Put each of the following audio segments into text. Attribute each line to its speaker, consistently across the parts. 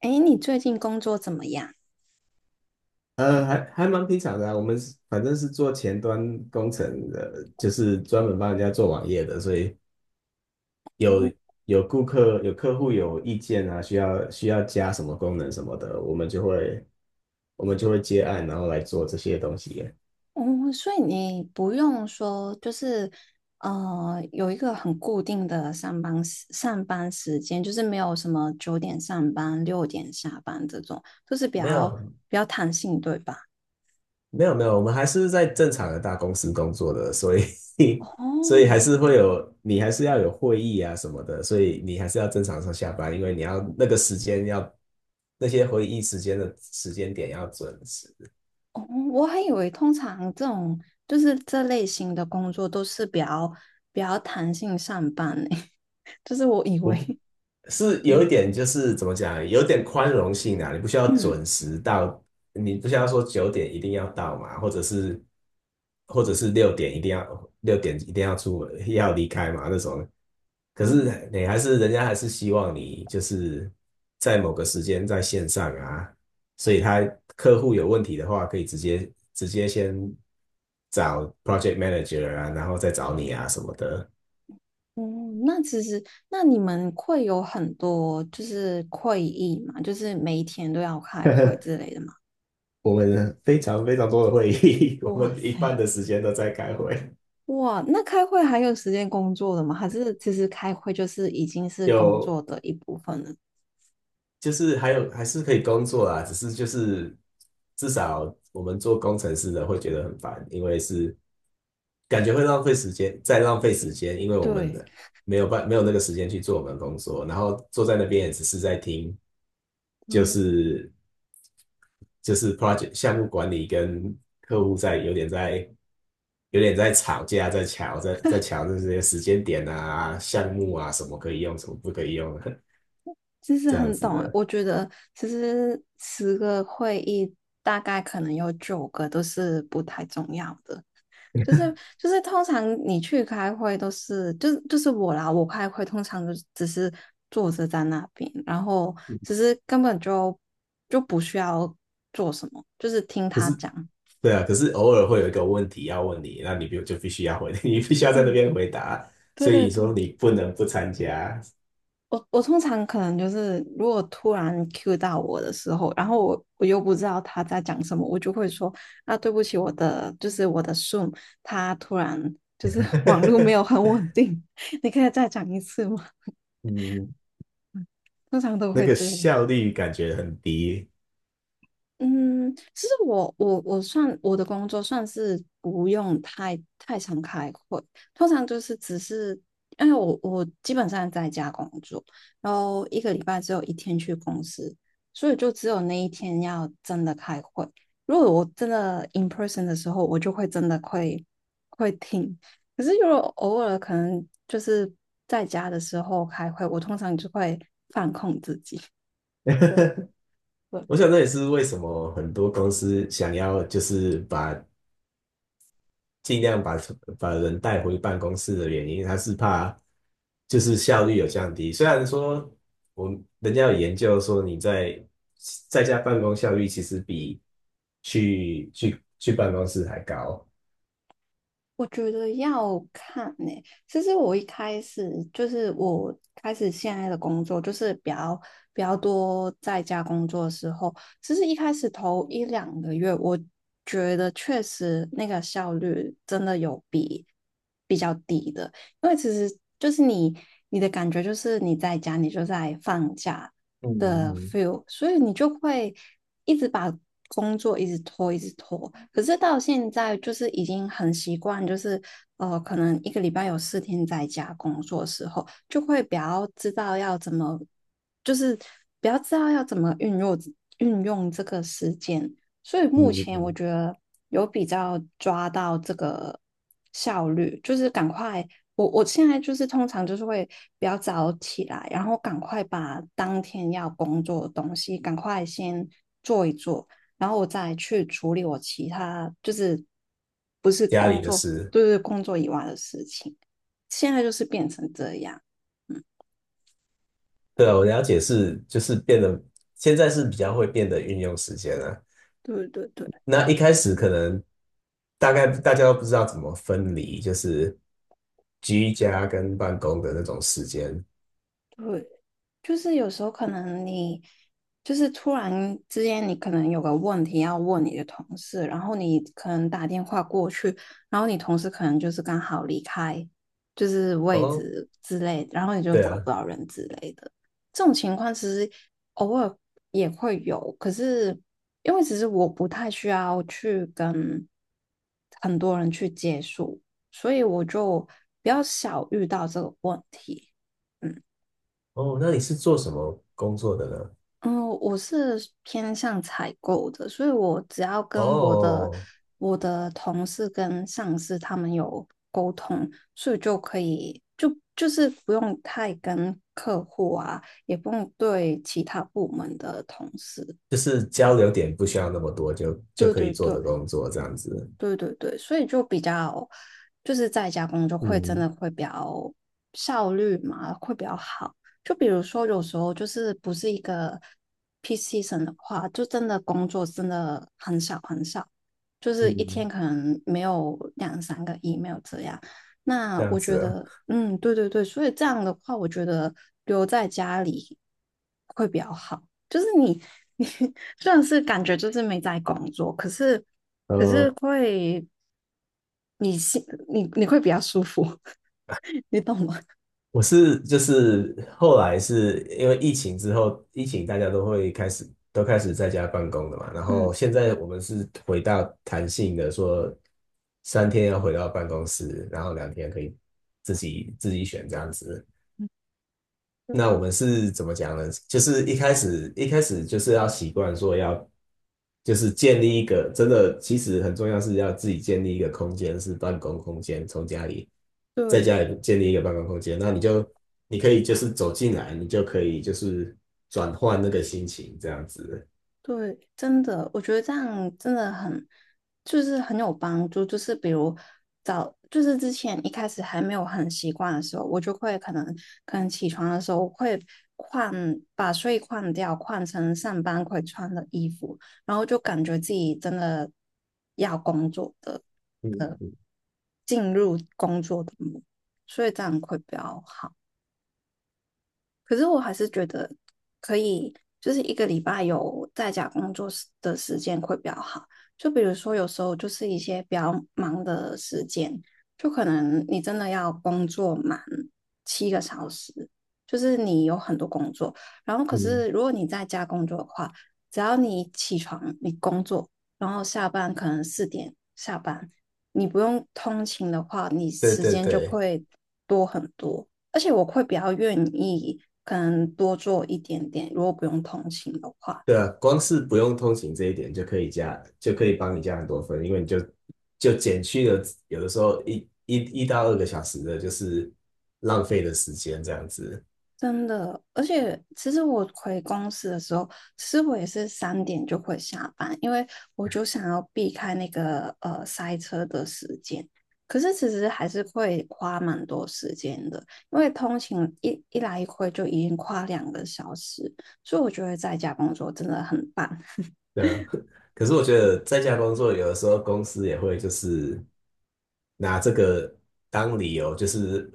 Speaker 1: 哎，你最近工作怎么样？
Speaker 2: 还蛮平常的啊。我们反正是做前端工程的，就是专门帮人家做网页的，所以
Speaker 1: 嗯
Speaker 2: 有客户有意见啊，需要加什么功能什么的，我们就会接案，然后来做这些东西。
Speaker 1: 嗯，所以你不用说，就是有一个很固定的上班时间，就是没有什么9点上班、6点下班这种，就是比
Speaker 2: 没
Speaker 1: 较
Speaker 2: 有，
Speaker 1: 比较弹性，对吧？
Speaker 2: 没有没有，我们还是在正常的大公司工作的，所以
Speaker 1: 哦
Speaker 2: 所以还是会有，你还是要有会议啊什么的，所以你还是要正常上下班，因为你要那个时间要那些会议时间的时间点要准时。
Speaker 1: 哦，我还以为通常这种就是这类型的工作都是比较弹性上班呢，就是我以为，
Speaker 2: 是有一
Speaker 1: 嗯
Speaker 2: 点就是怎么讲，有点宽容性啊，你不需要
Speaker 1: 嗯
Speaker 2: 准时到，你不需要说9点一定要到嘛，或者是六点一定要出门要离开嘛那种。可
Speaker 1: 嗯。
Speaker 2: 是你还是人家还是希望你就是在某个时间在线上啊，所以客户有问题的话，可以直接先找 project manager 啊，然后再找你啊什么的。
Speaker 1: 嗯，那其实，那你们会有很多就是会议嘛，就是每一天都要开会 之类的嘛？
Speaker 2: 我们非常非常多的会议，我
Speaker 1: 哇
Speaker 2: 们一半
Speaker 1: 塞，
Speaker 2: 的时间都在开会。
Speaker 1: 哇，那开会还有时间工作的吗？还是其实开会就是已经是工
Speaker 2: 有
Speaker 1: 作的一部分了？
Speaker 2: 还是可以工作啦，只是就是至少我们做工程师的会觉得很烦，因为是感觉会浪费时间，再浪费时间，因为我们
Speaker 1: 对
Speaker 2: 的没有办没有那个时间去做我们的工作，然后坐在那边也只是在听，就
Speaker 1: 对，
Speaker 2: 是就是 project 项目管理跟客户在有点在有点在吵架，在抢这些时间点啊、项目啊，什么可以用，什么不可以用，
Speaker 1: 其 实
Speaker 2: 这样
Speaker 1: 很
Speaker 2: 子
Speaker 1: 懂欸
Speaker 2: 的。
Speaker 1: 我觉得其实10个会议大概可能有9个都是不太重要的，就是就是通常你去开会都是，就是我啦，我开会通常就只是坐着在那边，然后只是根本就不需要做什么，就是听
Speaker 2: 可是
Speaker 1: 他讲。
Speaker 2: 对啊，可是偶尔会有一个问题要问你，那你必须要回，你必须要在那
Speaker 1: 嗯，
Speaker 2: 边回答，
Speaker 1: 对
Speaker 2: 所以
Speaker 1: 对
Speaker 2: 你
Speaker 1: 对，
Speaker 2: 说你不能不参加。
Speaker 1: 我我通常可能就是，如果突然 Q 到我的时候，然后我又不知道他在讲什么，我就会说啊，对不起，我的就是我的 Zoom，他突然就是 网络没有很 稳定，你可以再讲一次吗？
Speaker 2: 嗯，
Speaker 1: 通常都
Speaker 2: 那
Speaker 1: 会
Speaker 2: 个
Speaker 1: 这样。
Speaker 2: 效率感觉很低。
Speaker 1: 嗯，其实我算我的工作算是不用太常开会，通常就是只是因为我基本上在家工作，然后一个礼拜只有一天去公司，所以就只有那一天要真的开会。如果我真的 in person 的时候，我就会真的会听。可是如果偶尔可能就是在家的时候开会，我通常就会。对。
Speaker 2: 我想这也是为什么很多公司想要就是尽量把人带回办公室的原因，他是怕就是效率有降低。虽然说人家有研究说你在家办公效率其实比去办公室还高。
Speaker 1: 我觉得要看呢、其实我一开始就是我开始现在的工作，就是比较多在家工作的时候，其实一开始头1两个月，我觉得确实那个效率真的有比较低的，因为其实就是你的感觉就是你在家，你就在放假，
Speaker 2: 嗯嗯
Speaker 1: 的
Speaker 2: 嗯
Speaker 1: feel，所以你就会一直把工作一直拖，一直拖。可是到现在就是已经很习惯，就是可能一个礼拜有4天在家工作的时候，就会比较知道要怎么，就是比较知道要怎么运用这个时间。所以目
Speaker 2: 嗯
Speaker 1: 前我
Speaker 2: 嗯，
Speaker 1: 觉得有比较抓到这个效率，就是赶快我现在就是通常就是会比较早起来，然后赶快把当天要工作的东西赶快先做一做，然后我再去处理我其他就是不是
Speaker 2: 家
Speaker 1: 工
Speaker 2: 里的
Speaker 1: 作，
Speaker 2: 事。
Speaker 1: 就是工作以外的事情。现在就是变成这样，嗯，
Speaker 2: 对啊，我
Speaker 1: 对
Speaker 2: 了解是就是变得现在是比较会变得运用时间了。
Speaker 1: 对对对
Speaker 2: 那一开始可能大概大家都不知道怎么分离，就是居家跟办公的那种时间。
Speaker 1: 对，就是有时候可能你就是突然之间，你可能有个问题要问你的同事，然后你可能打电话过去，然后你同事可能就是刚好离开，就是位
Speaker 2: 哦，
Speaker 1: 置之类的然后你就
Speaker 2: 对
Speaker 1: 找不
Speaker 2: 啊。
Speaker 1: 到人之类的。这种情况其实偶尔也会有，可是因为其实我不太需要去跟很多人去接触，所以我就比较少遇到这个问题。嗯。
Speaker 2: 哦，那你是做什么工作的呢？
Speaker 1: 嗯，我是偏向采购的，所以我只要跟我的
Speaker 2: 哦，
Speaker 1: 我的同事跟上司他们有沟通，所以就可以就是不用太跟客户啊，也不用对其他部门的同事。
Speaker 2: 就是交流点不需要那么多，就
Speaker 1: 对
Speaker 2: 可以
Speaker 1: 对
Speaker 2: 做
Speaker 1: 对，
Speaker 2: 的工作这样子。
Speaker 1: 对对对，所以就比较就是在家工作会真
Speaker 2: 嗯
Speaker 1: 的会比较效率嘛，会比较好。就比如说有时候就是不是一个 p e a season 的话，就真的工作真的很少很少，就是一
Speaker 2: 嗯，
Speaker 1: 天可能没有两三个 email 这样。
Speaker 2: 这
Speaker 1: 那
Speaker 2: 样
Speaker 1: 我觉
Speaker 2: 子啊。
Speaker 1: 得，嗯，对对对，所以这样的话，我觉得留在家里会比较好。就是你 你虽然是感觉就是没在工作，可是可是
Speaker 2: 呃，
Speaker 1: 会你心你会比较舒服，你懂吗？
Speaker 2: 我是就是后来是因为疫情之后，疫情大家都开始在家办公的嘛，然
Speaker 1: 嗯，
Speaker 2: 后现在我们是回到弹性的说，3天要回到办公室，然后2天可以自己选这样子。那我们是怎么讲呢？就是一开始就是要习惯说要，就是建立一个真的，其实很重要是要自己建立一个空间，是办公空间，从家里在
Speaker 1: 对
Speaker 2: 家里建立一个办公空间，那你可以就是走进来，你就可以就是转换那个心情这样子。
Speaker 1: 对，真的，我觉得这样真的很就是很有帮助。就是比如早就是之前一开始还没有很习惯的时候，我就会可能起床的时候会换把睡衣换掉，换成上班会穿的衣服。然后就感觉自己真的要工作的
Speaker 2: 嗯嗯
Speaker 1: 进入工作的模，所以这样会比较好。可是我还是觉得可以，就是一个礼拜有在家工作时的时间会比较好。就比如说，有时候就是一些比较忙的时间，就可能你真的要工作满7个小时，就是你有很多工作。然后，可
Speaker 2: 嗯，
Speaker 1: 是如果你在家工作的话，只要你起床，你工作，然后下班可能4点下班，你不用通勤的话，你
Speaker 2: 对
Speaker 1: 时
Speaker 2: 对
Speaker 1: 间就
Speaker 2: 对。
Speaker 1: 会多很多。而且我会比较愿意，可能多做一点点，如果不用通勤的话，
Speaker 2: 对啊，光是不用通勤这一点就可以加，就可以帮你加很多分，因为你就减去了有的时候1到2个小时的，就是浪费的时间这样子。
Speaker 1: 真的。而且其实我回公司的时候，其实我也是3点就会下班，因为我就想要避开那个塞车的时间。可是其实还是会花蛮多时间的，因为通勤一来一回就已经花2个小时，所以我觉得在家工作真的很棒。
Speaker 2: 对啊，可是我觉得在家工作有的时候公司也会就是拿这个当理由，就是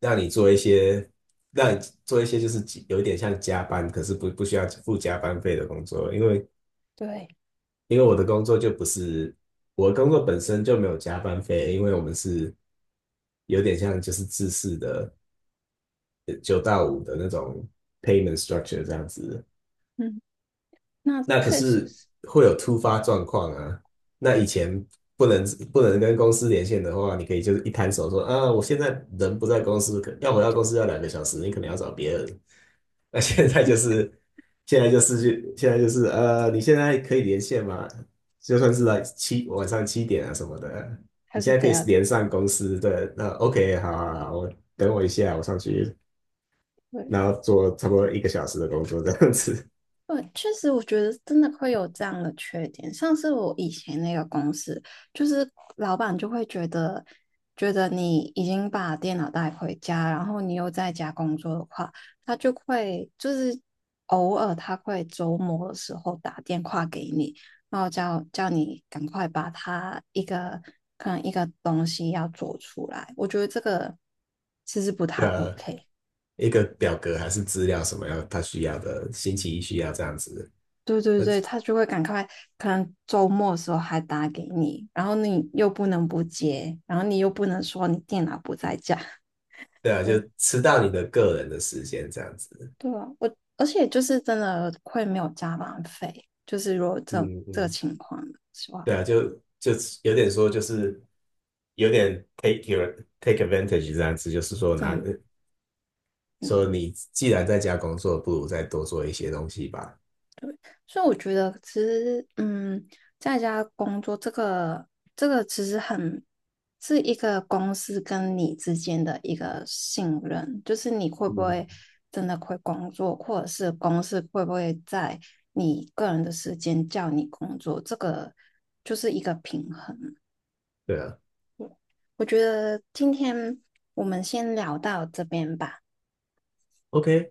Speaker 2: 让你做一些让你做一些就是有一点像加班，可是不需要付加班费的工作，因为
Speaker 1: 对，
Speaker 2: 因为我的工作就不是，我的工作本身就没有加班费，因为我们是有点像就是制式的9到5的那种 payment structure 这样子。
Speaker 1: 嗯，那
Speaker 2: 那可
Speaker 1: 确实
Speaker 2: 是
Speaker 1: 是，
Speaker 2: 会有突发状况啊。那以前不能不能跟公司连线的话，你可以就是一摊手说啊，我现在人不在公司，可要回到公司要2个小时，你可能要找别人。那现在就是现在就是去现在就是呃，你现在可以连线吗？就算是晚上7点啊什么的，
Speaker 1: 还
Speaker 2: 你
Speaker 1: 是
Speaker 2: 现在可
Speaker 1: 这
Speaker 2: 以
Speaker 1: 样的。
Speaker 2: 连上公司的那 OK，好好好我等我一下，我上去，
Speaker 1: 对，
Speaker 2: 然后做差不多1个小时的工作这样子。
Speaker 1: 对，确实，我觉得真的会有这样的缺点。像是我以前那个公司，就是老板就会觉得，觉得你已经把电脑带回家，然后你又在家工作的话，他就会就是偶尔他会周末的时候打电话给你，然后叫你赶快把他一个可能一个东西要做出来。我觉得这个其实不太
Speaker 2: 呃，
Speaker 1: OK。
Speaker 2: 一个表格还是资料什么要他需要的，星期一需要这样子。
Speaker 1: 对对
Speaker 2: 那
Speaker 1: 对，他就会赶快，可能周末的时候还打给你，然后你又不能不接，然后你又不能说你电脑不在家。
Speaker 2: 对啊，就
Speaker 1: 对
Speaker 2: 吃到你的个人的时间这样子。
Speaker 1: 对啊，我而且就是真的会没有加班费，就是如果这
Speaker 2: 嗯
Speaker 1: 这个
Speaker 2: 嗯，
Speaker 1: 情况的话，
Speaker 2: 对啊，就有点说就是。有点 take advantage 这样子，就是说拿
Speaker 1: 真的嗯
Speaker 2: 说你既然在家工作，不如再多做一些东西吧。
Speaker 1: 所以我觉得其实，嗯，在家工作这个其实很是一个公司跟你之间的一个信任，就是你会不
Speaker 2: 嗯，
Speaker 1: 会真的会工作，或者是公司会不会在你个人的时间叫你工作，这个就是一个平衡。
Speaker 2: 对啊
Speaker 1: 我觉得今天我们先聊到这边吧。
Speaker 2: ，OK，